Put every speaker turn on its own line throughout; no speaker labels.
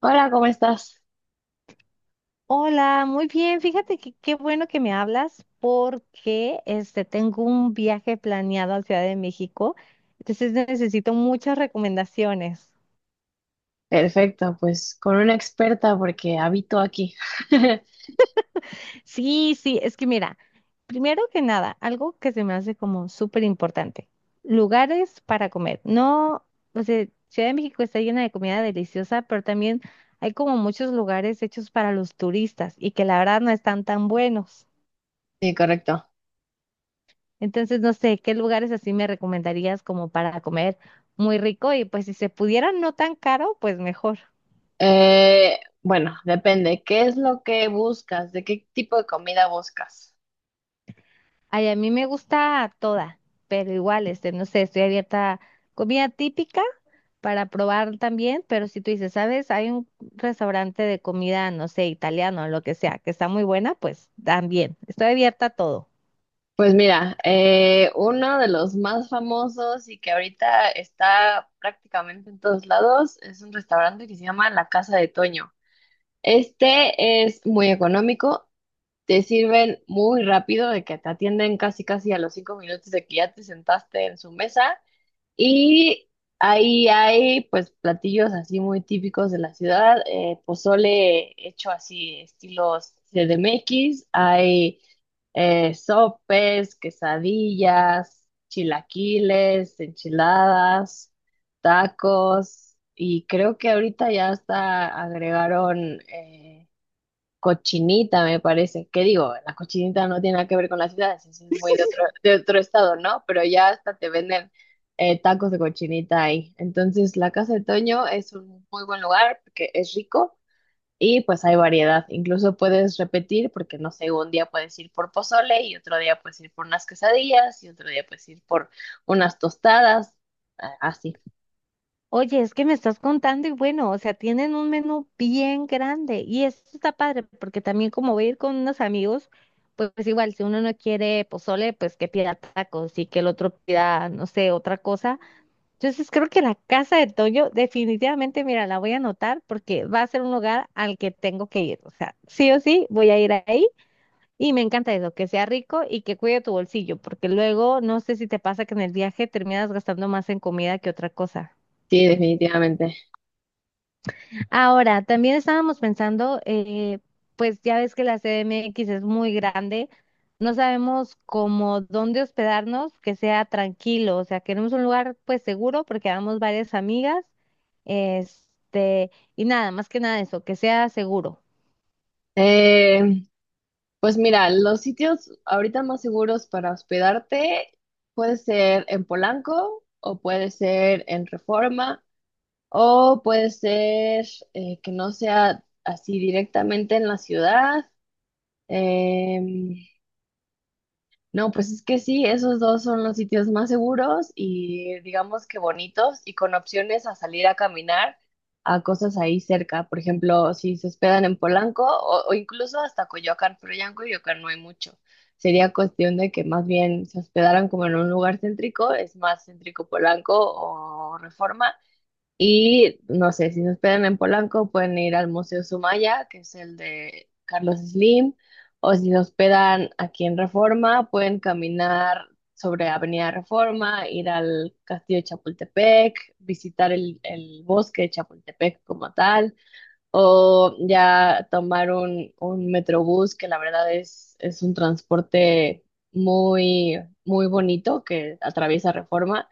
Hola, ¿cómo estás?
Hola, muy bien. Fíjate que qué bueno que me hablas porque tengo un viaje planeado a Ciudad de México, entonces necesito muchas recomendaciones.
Perfecto, pues con una experta porque habito aquí.
Sí, sí, es que mira, primero que nada, algo que se me hace como súper importante, lugares para comer. No, o sea, Ciudad de México está llena de comida deliciosa, pero también hay como muchos lugares hechos para los turistas y que la verdad no están tan buenos.
Sí, correcto.
Entonces, no sé, ¿qué lugares así me recomendarías como para comer muy rico? Y pues si se pudiera no tan caro, pues mejor.
Bueno, depende. ¿Qué es lo que buscas? ¿De qué tipo de comida buscas?
Ay, a mí me gusta toda, pero igual, no sé, estoy abierta a comida típica para probar también, pero si tú dices, ¿sabes? Hay un restaurante de comida, no sé, italiano, lo que sea, que está muy buena, pues también, estoy abierta a todo.
Pues mira, uno de los más famosos y que ahorita está prácticamente en todos lados es un restaurante que se llama La Casa de Toño. Este es muy económico, te sirven muy rápido, de que te atienden casi casi a los 5 minutos de que ya te sentaste en su mesa. Y ahí hay pues platillos así muy típicos de la ciudad, pozole hecho así estilos CDMX, hay sopes, quesadillas, chilaquiles, enchiladas, tacos, y creo que ahorita ya hasta agregaron, cochinita, me parece. ¿Qué digo? La cochinita no tiene nada que ver con las ciudades, eso es muy de otro estado, ¿no? Pero ya hasta te venden tacos de cochinita ahí. Entonces, la Casa de Toño es un muy buen lugar porque es rico y pues hay variedad. Incluso puedes repetir porque, no sé, un día puedes ir por pozole y otro día puedes ir por unas quesadillas y otro día puedes ir por unas tostadas. Ah, así,
Oye, es que me estás contando y bueno, o sea, tienen un menú bien grande y esto está padre porque también como voy a ir con unos amigos, pues, pues igual, si uno no quiere pozole, pues que pida tacos y que el otro pida, no sé, otra cosa. Entonces creo que la casa de Toño definitivamente, mira, la voy a anotar porque va a ser un lugar al que tengo que ir. O sea, sí o sí, voy a ir ahí y me encanta eso, que sea rico y que cuide tu bolsillo, porque luego no sé si te pasa que en el viaje terminas gastando más en comida que otra cosa.
sí, definitivamente.
Ahora, también estábamos pensando, pues ya ves que la CDMX es muy grande, no sabemos cómo dónde hospedarnos que sea tranquilo, o sea, queremos un lugar pues seguro porque vamos varias amigas, este, y nada, más que nada eso, que sea seguro.
Eh, Pues mira, los sitios ahorita más seguros para hospedarte puede ser en Polanco o puede ser en Reforma o puede ser que no sea así directamente en la ciudad. Em, no, pues es que sí, esos dos son los sitios más seguros y digamos que bonitos y con opciones a salir a caminar a cosas ahí cerca. Por ejemplo, si se hospedan en Polanco o incluso hasta Coyoacán, pero ya en Coyoacán no hay mucho. Sería cuestión de que más bien se hospedaran como en un lugar céntrico, es más céntrico Polanco o Reforma, y no sé, si nos esperan en Polanco, pueden ir al Museo Sumaya, que es el de Carlos Slim, o si nos esperan aquí en Reforma, pueden caminar sobre Avenida Reforma, ir al Castillo de Chapultepec, visitar el bosque de Chapultepec como tal, o ya tomar un metrobús, que la verdad es un transporte muy, muy bonito que atraviesa Reforma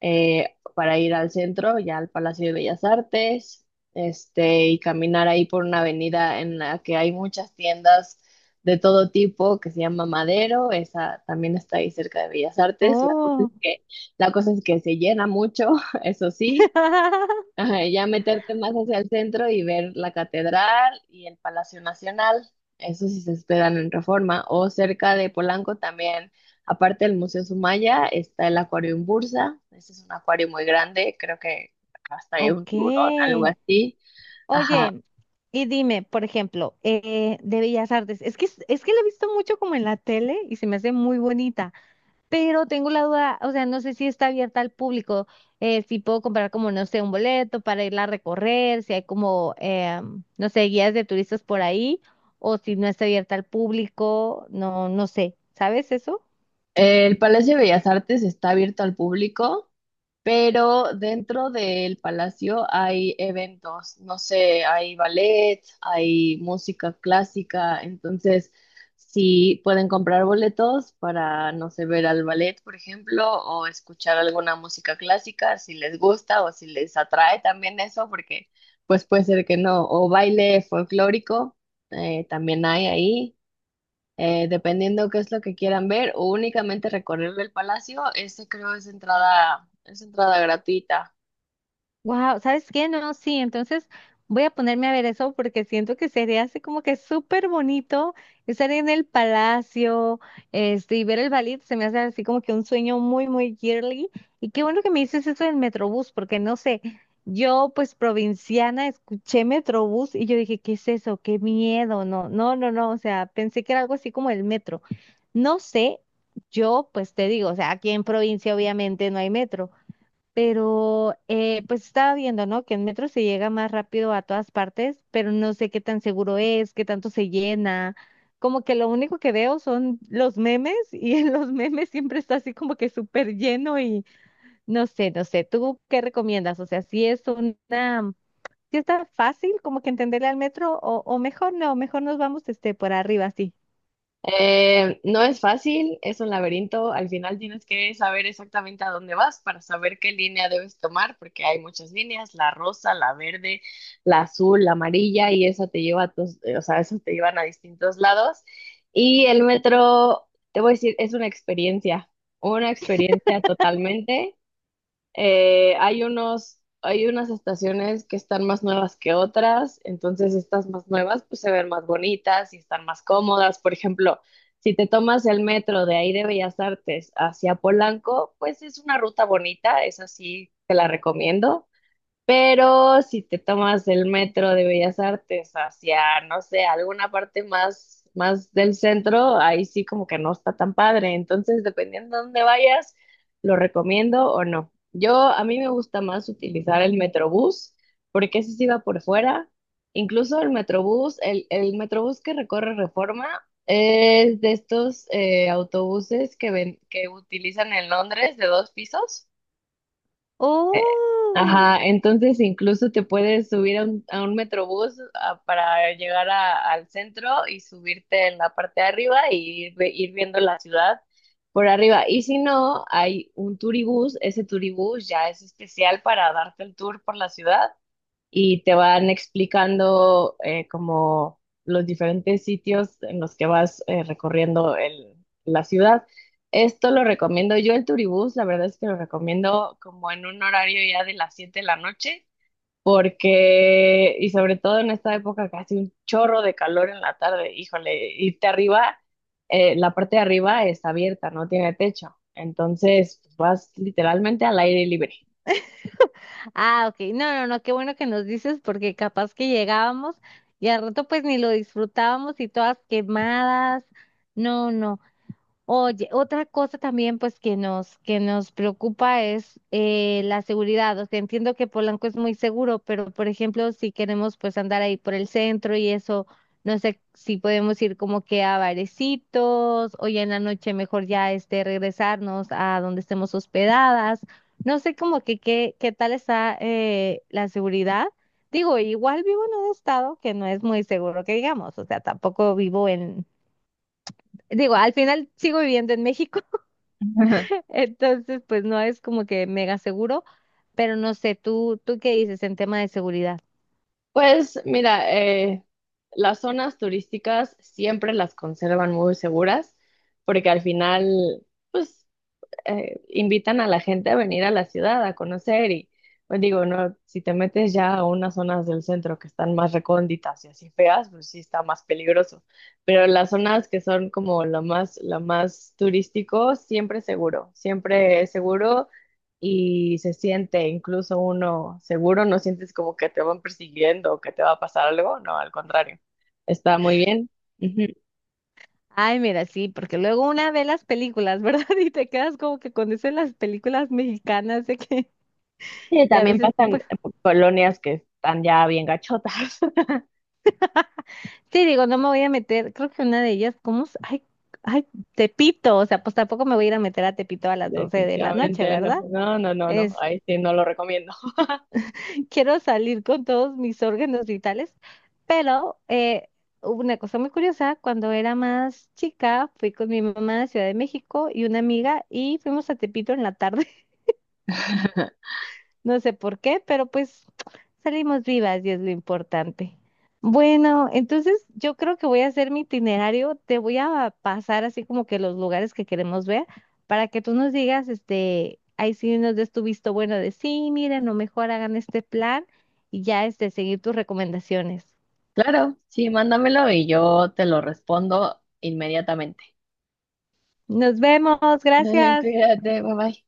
para ir al centro, ya al Palacio de Bellas Artes, este, y caminar ahí por una avenida en la que hay muchas tiendas de todo tipo, que se llama Madero, esa también está ahí cerca de Bellas Artes. La cosa es
Oh,
que, la cosa es que se llena mucho, eso sí. Ajá, y ya meterte más hacia el centro y ver la catedral y el Palacio Nacional, eso sí se esperan en Reforma, o cerca de Polanco también, aparte del Museo Sumaya, está el Acuarium Bursa, ese es un acuario muy grande, creo que hasta hay un tiburón,
ok.
algo así, ajá.
Oye, y dime, por ejemplo, de Bellas Artes, es que la he visto mucho como en la tele y se me hace muy bonita. Pero tengo la duda, o sea, no sé si está abierta al público, si puedo comprar como, no sé, un boleto para irla a recorrer, si hay como, no sé, guías de turistas por ahí, o si no está abierta al público, no, no sé, ¿sabes eso?
El Palacio de Bellas Artes está abierto al público, pero dentro del palacio hay eventos, no sé, hay ballet, hay música clásica, entonces sí pueden comprar boletos para, no sé, ver al ballet, por ejemplo, o escuchar alguna música clásica, si les gusta o si les atrae también eso, porque pues puede ser que no, o baile folclórico, también hay ahí dependiendo qué es lo que quieran ver, o únicamente recorrer el palacio, este creo es entrada gratuita.
Wow, ¿sabes qué? No, sí, entonces voy a ponerme a ver eso porque siento que sería así como que súper bonito estar en el palacio, y ver el ballet, se me hace así como que un sueño muy, muy girly. Y qué bueno que me dices eso del Metrobús, porque no sé, yo pues provinciana escuché Metrobús y yo dije, ¿qué es eso? Qué miedo, no, no, no, no, o sea, pensé que era algo así como el metro. No sé, yo pues te digo, o sea, aquí en provincia obviamente no hay metro. Pero pues estaba viendo, ¿no? Que en metro se llega más rápido a todas partes, pero no sé qué tan seguro es, qué tanto se llena. Como que lo único que veo son los memes y en los memes siempre está así como que súper lleno y no sé, no sé. ¿Tú qué recomiendas? O sea, si está fácil como que entenderle al metro o mejor no, mejor nos vamos este por arriba así.
No es fácil, es un laberinto, al final tienes que saber exactamente a dónde vas para saber qué línea debes tomar, porque hay muchas líneas, la rosa, la verde, la azul, la amarilla, y esa te lleva a o sea, esas te llevan a distintos lados. Y el metro, te voy a decir, es una experiencia totalmente. Hay unas estaciones que están más nuevas que otras, entonces estas más nuevas pues se ven más bonitas y están más cómodas. Por ejemplo, si te tomas el metro de ahí de Bellas Artes hacia Polanco, pues es una ruta bonita, es así, te la recomiendo. Pero si te tomas el metro de Bellas Artes hacia, no sé, alguna parte más del centro, ahí sí como que no está tan padre. Entonces, dependiendo de dónde vayas, lo recomiendo o no. Yo, a mí me gusta más utilizar el Metrobús, porque ese sí va por fuera. Incluso el Metrobús, el Metrobús que recorre Reforma, es de estos autobuses que ven, que utilizan en Londres de 2 pisos. Eh,
¡Oh!
Ajá, entonces incluso te puedes subir a un metrobús para llegar al centro y subirte en la parte de arriba y ir viendo la ciudad por arriba. Y si no, hay un turibús, ese turibús ya es especial para darte el tour por la ciudad y te van explicando como los diferentes sitios en los que vas recorriendo la ciudad. Esto lo recomiendo yo, el Turibús, la verdad es que lo recomiendo como en un horario ya de las 7 de la noche, porque, y sobre todo en esta época que hace un chorro de calor en la tarde, híjole, irte arriba, la parte de arriba está abierta, no tiene techo, entonces pues, vas literalmente al aire libre.
Ah, ok. No, no, no, qué bueno que nos dices porque capaz que llegábamos y al rato pues ni lo disfrutábamos y todas quemadas. No, no. Oye, otra cosa también pues que nos preocupa es la seguridad. O sea, entiendo que Polanco es muy seguro, pero por ejemplo, si queremos pues andar ahí por el centro y eso, no sé si podemos ir como que a barecitos o ya en la noche mejor ya este regresarnos a donde estemos hospedadas. No sé como que qué tal está la seguridad. Digo, igual vivo en un estado que no es muy seguro que digamos, o sea, tampoco vivo en, digo, al final sigo viviendo en México. Entonces, pues no es como que mega seguro, pero no sé, ¿tú qué dices en tema de seguridad?
Pues mira, las zonas turísticas siempre las conservan muy seguras porque al final, pues invitan a la gente a venir a la ciudad a conocer y pues digo, no, si te metes ya a unas zonas del centro que están más recónditas y así feas, pues sí está más peligroso. Pero las zonas que son como lo más turístico, siempre es seguro y se siente incluso uno seguro, no sientes como que te van persiguiendo o que te va a pasar algo, no, al contrario, está muy bien. Ujú.
Ay, mira, sí, porque luego una ve las películas, ¿verdad? Y te quedas como que con eso de las películas mexicanas de que,
Sí,
y a
también
veces,
pasan
pues,
colonias que están ya bien gachotas.
sí, digo, no me voy a meter, creo que una de ellas, ¿cómo? Ay, ay, Tepito, o sea, pues tampoco me voy a ir a meter a Tepito a las 12 de la noche,
Definitivamente no,
¿verdad?
no, no, no, no, ahí sí no lo recomiendo.
quiero salir con todos mis órganos vitales, pero hubo una cosa muy curiosa, cuando era más chica, fui con mi mamá a Ciudad de México y una amiga y fuimos a Tepito en la tarde. No sé por qué, pero pues salimos vivas y es lo importante. Bueno, entonces yo creo que voy a hacer mi itinerario. Te voy a pasar así como que los lugares que queremos ver para que tú nos digas, este, ahí sí nos des tu visto bueno de sí, miren, o mejor hagan este plan y ya este, seguir tus recomendaciones.
Claro, sí, mándamelo y yo te lo respondo inmediatamente.
Nos vemos, gracias.
Cuídate, bye bye.